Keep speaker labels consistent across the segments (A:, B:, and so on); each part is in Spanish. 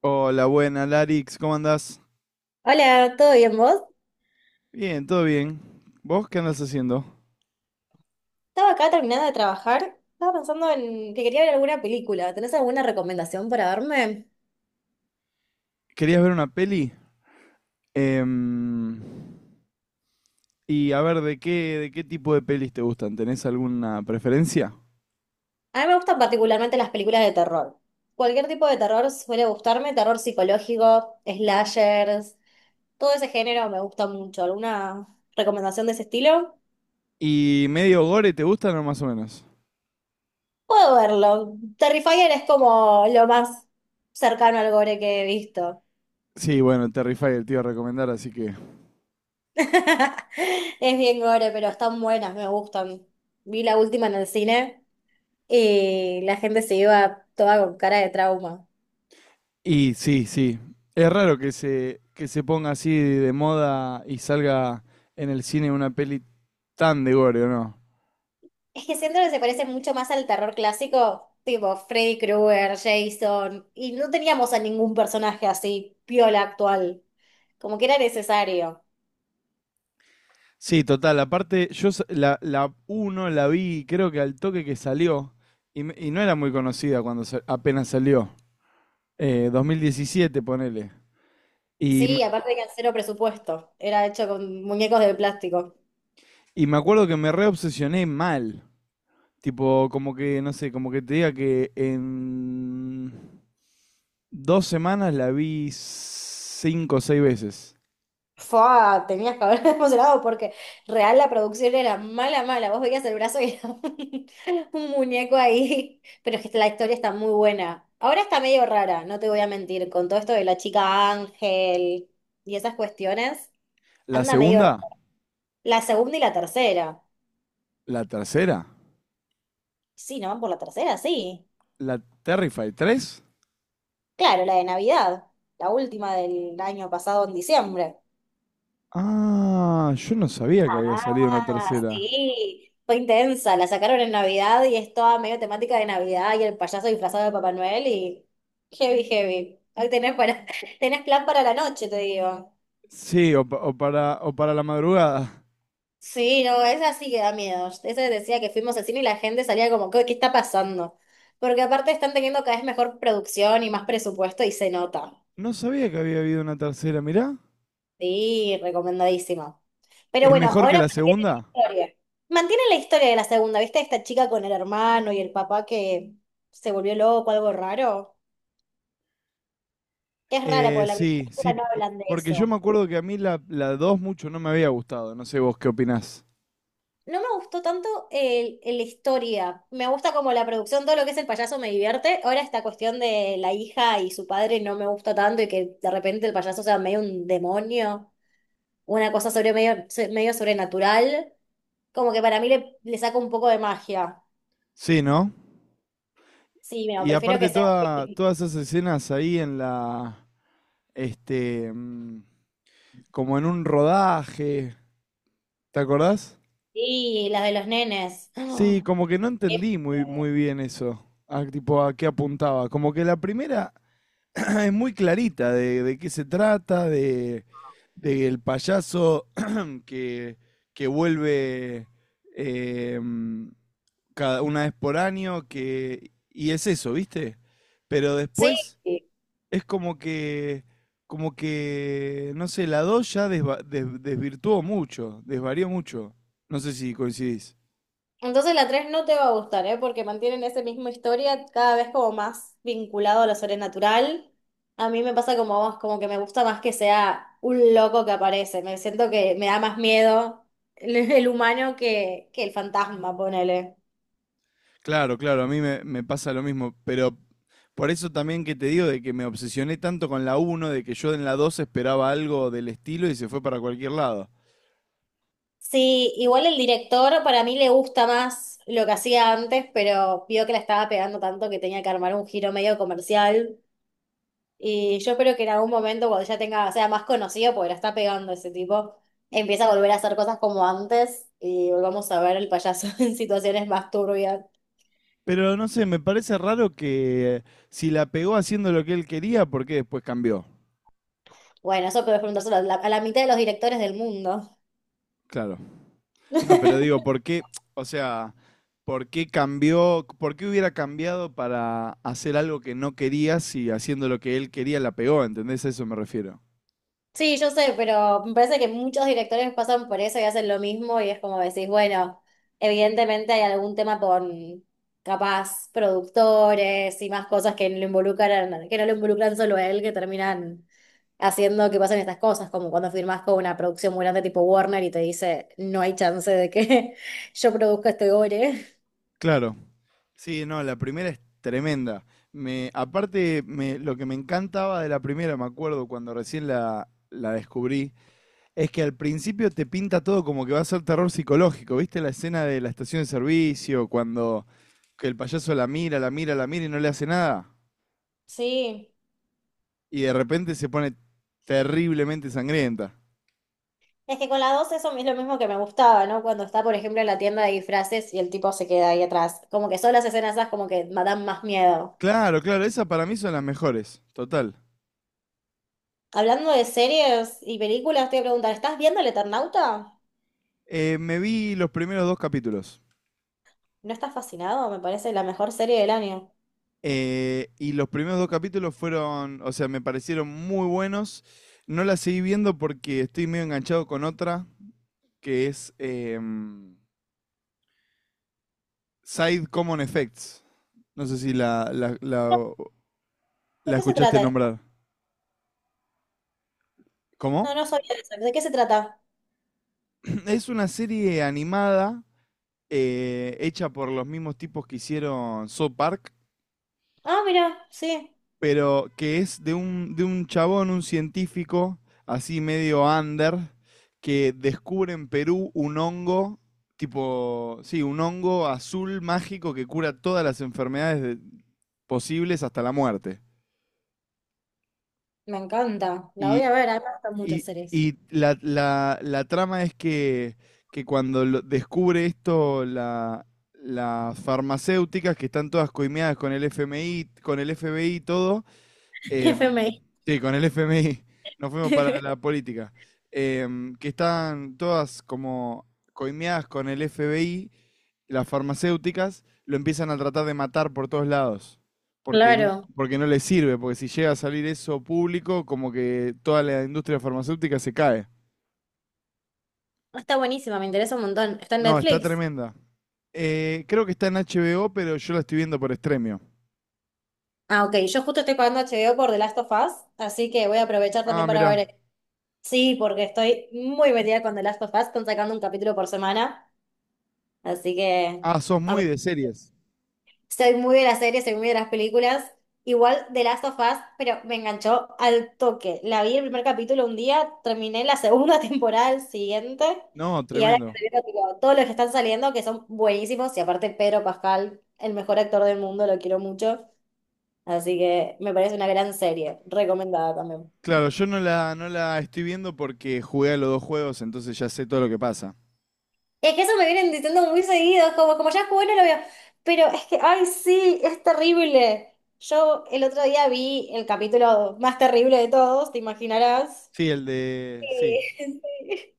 A: Hola, buena, Larix, ¿cómo andás?
B: Hola, ¿todo bien vos?
A: Bien, todo bien. ¿Vos qué andás haciendo?
B: Estaba acá terminando de trabajar. Estaba pensando en que quería ver alguna película. ¿Tenés alguna recomendación para verme?
A: ¿Querías ver una peli? Em, y a ver, de qué tipo de pelis te gustan? ¿Tenés alguna preferencia?
B: A mí me gustan particularmente las películas de terror. Cualquier tipo de terror suele gustarme, terror psicológico, slashers, todo ese género me gusta mucho. ¿Alguna recomendación de ese estilo?
A: ¿Y medio gore te gustan o más o menos?
B: Puedo verlo. Terrifier es como lo más cercano al gore que he visto.
A: Sí, bueno, Terrify el tío a recomendar, así que...
B: Es bien gore, pero están buenas, me gustan. Vi la última en el cine. Y la gente se iba toda con cara de trauma.
A: Y sí, sí. Es raro que se ponga así de moda y salga en el cine una peli tan de gore, ¿o no?
B: Es que siento que se parece mucho más al terror clásico, tipo Freddy Krueger, Jason, y no teníamos a ningún personaje así piola actual, como que era necesario.
A: Sí, total. Aparte, la, la uno la vi, creo que al toque que salió, y, y no era muy conocida cuando apenas salió. 2017, ponele. Y,
B: Sí, aparte que al cero presupuesto, era hecho con muñecos de plástico.
A: y me acuerdo que me reobsesioné mal. Tipo, como que, no sé, como que te diga que en dos semanas la vi cinco o seis veces.
B: Fua, tenías que haber emocionado porque real la producción era mala, mala. Vos veías el brazo y era un muñeco ahí. Pero es que la historia está muy buena. Ahora está medio rara, no te voy a mentir, con todo esto de la chica Ángel y esas cuestiones,
A: La
B: anda medio rara.
A: segunda,
B: La segunda y la tercera.
A: la tercera,
B: Sí, ¿no van por la tercera? Sí.
A: la Terrify 3.
B: Claro, la de Navidad, la última del año pasado en diciembre.
A: Ah, yo no sabía que había salido una
B: Ah,
A: tercera.
B: sí, fue intensa, la sacaron en Navidad y es toda medio temática de Navidad y el payaso disfrazado de Papá Noel y heavy, heavy. Hoy tenés, para, tenés plan para la noche, te digo.
A: Sí, o para la madrugada.
B: Sí, no, esa sí que da miedo. Esa decía que fuimos al cine y la gente salía como, ¿qué, qué está pasando? Porque aparte están teniendo cada vez mejor producción y más presupuesto y se nota.
A: No sabía que había habido una tercera, mirá.
B: Sí, recomendadísimo. Pero
A: ¿Es
B: bueno,
A: mejor que
B: ahora
A: la
B: mantiene la
A: segunda?
B: historia. Mantiene la historia de la segunda, ¿viste? Esta chica con el hermano y el papá que se volvió loco, algo raro. Es rara porque la primera
A: Sí, sí,
B: película no hablan de
A: porque yo
B: eso.
A: me acuerdo que a mí la 2 mucho no me había gustado, no sé vos qué opinás.
B: No me gustó tanto la historia. Me gusta como la producción, todo lo que es el payaso me divierte. Ahora esta cuestión de la hija y su padre no me gusta tanto y que de repente el payaso sea medio un demonio, una cosa sobre medio, medio sobrenatural. Como que para mí le saca un poco de magia.
A: Sí, ¿no?
B: Sí, no,
A: Y
B: prefiero que
A: aparte
B: sean
A: toda, todas esas escenas ahí en la, este, mm, como en un rodaje, ¿te acordás?
B: sí, las de los nenes.
A: Sí,
B: Ah,
A: como que no
B: qué
A: entendí muy, muy
B: miedo.
A: bien eso, a, tipo a qué apuntaba. Como que la primera es muy clarita de qué se trata, de el payaso que, que vuelve eh, cada una vez por año, que, y es eso, ¿viste? Pero
B: Sí,
A: después es como que, no sé, la 2 ya desvirtuó mucho, desvarió mucho. No sé si coincidís.
B: entonces la tres no te va a gustar, ¿eh? Porque mantienen esa misma historia cada vez como más vinculado a lo sobrenatural. A mí me pasa como a vos, como que me gusta más que sea un loco que aparece. Me siento que me da más miedo el humano que el fantasma, ponele.
A: Claro, claro, a mí me pasa lo mismo, pero por eso también que te digo de que me obsesioné tanto con la uno, de que yo en la 2 esperaba algo del estilo y se fue para cualquier lado.
B: Sí, igual el director para mí le gusta más lo que hacía antes, pero vio que la estaba pegando tanto que tenía que armar un giro medio comercial. Y yo espero que en algún momento, cuando ya tenga, sea más conocido, porque la está pegando ese tipo, empiece a volver a hacer cosas como antes y volvamos a ver el payaso en situaciones más turbias.
A: Pero no sé, me parece raro que si la pegó haciendo lo que él quería, ¿por qué después cambió?
B: Bueno, eso puedes preguntárselo a la mitad de los directores del mundo.
A: Claro. No, pero digo, ¿por qué? O sea, ¿por qué cambió? ¿Por qué hubiera cambiado para hacer algo que no quería si haciendo lo que él quería la pegó? ¿Entendés? A eso me refiero.
B: Sí, yo sé, pero me parece que muchos directores pasan por eso y hacen lo mismo y es como decís, bueno, evidentemente hay algún tema con capaz productores y más cosas que lo involucran, que no lo involucran solo a él, que terminan haciendo que pasen estas cosas, como cuando firmas con una producción muy grande tipo Warner y te dice, no hay chance de que yo produzca este gore.
A: Claro. Sí, no, la primera es tremenda. Aparte, lo que me encantaba de la primera, me acuerdo cuando recién la descubrí, es que al principio te pinta todo como que va a ser terror psicológico. ¿Viste la escena de la estación de servicio, cuando que el payaso la mira, la mira, la mira y no le hace nada?
B: Sí.
A: Y de repente se pone terriblemente sangrienta.
B: Es que con la 2 eso es lo mismo que me gustaba, ¿no? Cuando está, por ejemplo, en la tienda de disfraces y el tipo se queda ahí atrás. Como que son las escenas esas como que me dan más miedo.
A: Claro, claro, esas para mí son las mejores, total.
B: Hablando de series y películas, te voy a preguntar, ¿estás viendo El Eternauta?
A: Me vi los primeros dos capítulos.
B: ¿No estás fascinado? Me parece la mejor serie del año.
A: Y los primeros dos capítulos fueron, o sea, me parecieron muy buenos. No la seguí viendo porque estoy medio enganchado con otra, que es Side Common Effects. No sé si
B: No, ¿de
A: la
B: qué se
A: escuchaste
B: trata?
A: nombrar. ¿Cómo?
B: No, no sabía de eso. ¿De qué se trata?
A: Es una serie animada hecha por los mismos tipos que hicieron South Park,
B: Ah, mira, sí.
A: pero que es de de un chabón, un científico, así medio under, que descubre en Perú un hongo, tipo, sí, un hongo azul mágico que cura todas las enfermedades posibles hasta la muerte.
B: Me encanta. La voy
A: Y,
B: a ver. A mí me gustan muchas
A: y-
B: series.
A: y la, la trama es que cuando descubre esto las farmacéuticas, que están todas coimeadas con el FMI, con el FBI y todo,
B: F FMI.
A: em, sí, con el FMI nos fuimos para la política, que están todas como coimeadas con el FBI, las farmacéuticas lo empiezan a tratar de matar por todos lados,
B: Claro.
A: porque no les sirve, porque si llega a salir eso público, como que toda la industria farmacéutica se cae.
B: Está buenísima, me interesa un montón. Está en
A: No, está
B: Netflix.
A: tremenda. Creo que está en HBO, pero yo la estoy viendo por Stremio.
B: Ah, ok. Yo justo estoy pagando HBO por The Last of Us, así que voy a aprovechar
A: Ah,
B: también para
A: mirá.
B: ver. Sí, porque estoy muy metida con The Last of Us, están sacando un capítulo por semana, así que
A: Ah, sos muy
B: apro-
A: de series.
B: soy muy de las series, soy muy de las películas. Igual The Last of Us, pero me enganchó al toque. La vi el primer capítulo un día, terminé la segunda temporada el siguiente,
A: No,
B: y ahora
A: tremendo.
B: estoy viendo, tipo, todos los que están saliendo, que son buenísimos, y aparte Pedro Pascal, el mejor actor del mundo, lo quiero mucho. Así que me parece una gran serie, recomendada también.
A: Claro, yo no la estoy viendo porque jugué a los dos juegos, entonces ya sé todo lo que pasa.
B: Es que eso me vienen diciendo muy seguido, es como, como ya es bueno lo veo. Pero es que, ay, sí, es terrible. Yo el otro día vi el capítulo más terrible de todos, te imaginarás.
A: Sí, el de... Sí.
B: Sí, sí.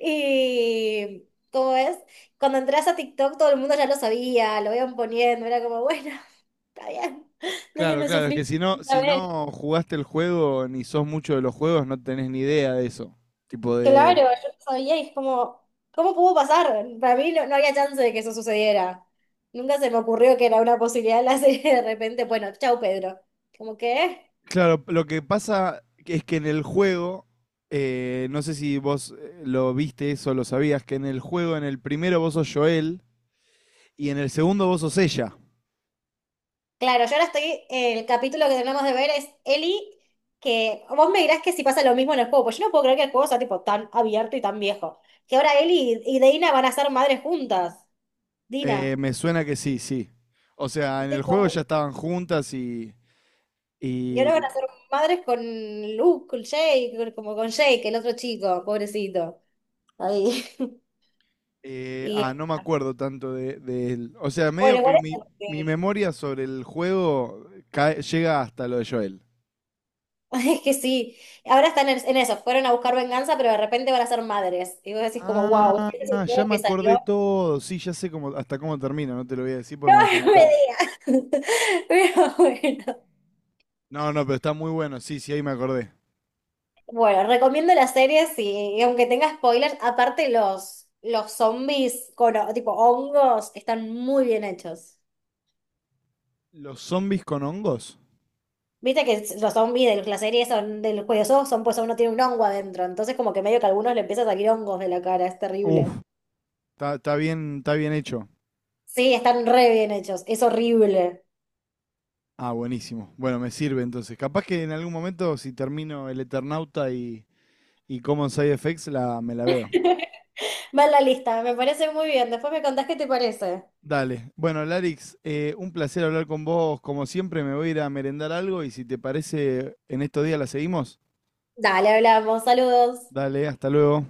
B: Y, ¿cómo es? Cuando entras a TikTok todo el mundo ya lo sabía, lo iban poniendo, era como, bueno, está bien,
A: Claro,
B: déjenme
A: claro, es que
B: sufrir.
A: si no,
B: Una
A: si
B: vez.
A: no jugaste el juego ni sos mucho de los juegos, no tenés ni idea de eso. Tipo de...
B: Claro, yo no sabía y es como, ¿cómo pudo pasar? Para mí no, no había chance de que eso sucediera. Nunca se me ocurrió que era una posibilidad la serie de repente, bueno, chau Pedro. Como que,
A: Claro, lo que pasa es que en el juego, no sé si vos lo viste eso, lo sabías, que en el juego, en el primero vos sos Joel y en el segundo vos sos ella.
B: claro, yo ahora estoy, el capítulo que tenemos de ver es Eli, que vos me dirás que si pasa lo mismo en el juego, pues yo no puedo creer que el juego sea tipo tan abierto y tan viejo. Que ahora Eli y Dina van a ser madres juntas. Dina.
A: Me suena que sí, sí. O sea, en el juego
B: Tipo,
A: ya estaban juntas
B: y ahora van a
A: y
B: ser madres con Luke, con Jake, como con Jake, el otro chico, pobrecito. Ahí. Y
A: Ah, no me acuerdo tanto de él. O sea, medio
B: bueno, igual
A: que
B: es,
A: mi,
B: como
A: mi
B: que
A: memoria sobre el juego llega hasta lo de Joel.
B: es que sí, ahora están en eso, fueron a buscar venganza, pero de repente van a ser madres. Y vos decís como, wow,
A: Ah,
B: este
A: ya
B: creo
A: me
B: que
A: acordé
B: salió.
A: todo. Sí, ya sé cómo, hasta cómo termina. No te lo voy a decir porque
B: No,
A: me vas a
B: no
A: matar.
B: me digas. Pero bueno.
A: No, no, pero está muy bueno. Sí, sí, ahí me acordé.
B: Bueno, recomiendo las series y aunque tenga spoilers, aparte los zombies con ho- tipo hongos están muy bien hechos.
A: ¿Los zombies con hongos?
B: Viste que s- los zombies de la serie son del juego son, pues uno tiene un hongo adentro, entonces como que medio que a algunos le empieza a salir hongos de la cara, es
A: Uf,
B: terrible.
A: está, está bien hecho.
B: Sí, están re bien hechos. Es horrible.
A: Ah, buenísimo. Bueno, me sirve entonces. Capaz que en algún momento, si termino el Eternauta y Common Side Effects, la, me la veo.
B: Va en la lista, me parece muy bien. Después me contás qué te parece.
A: Dale. Bueno, Larix, un placer hablar con vos. Como siempre, me voy a ir a merendar algo y si te parece, en estos días la seguimos.
B: Dale, hablamos. Saludos.
A: Dale, hasta luego.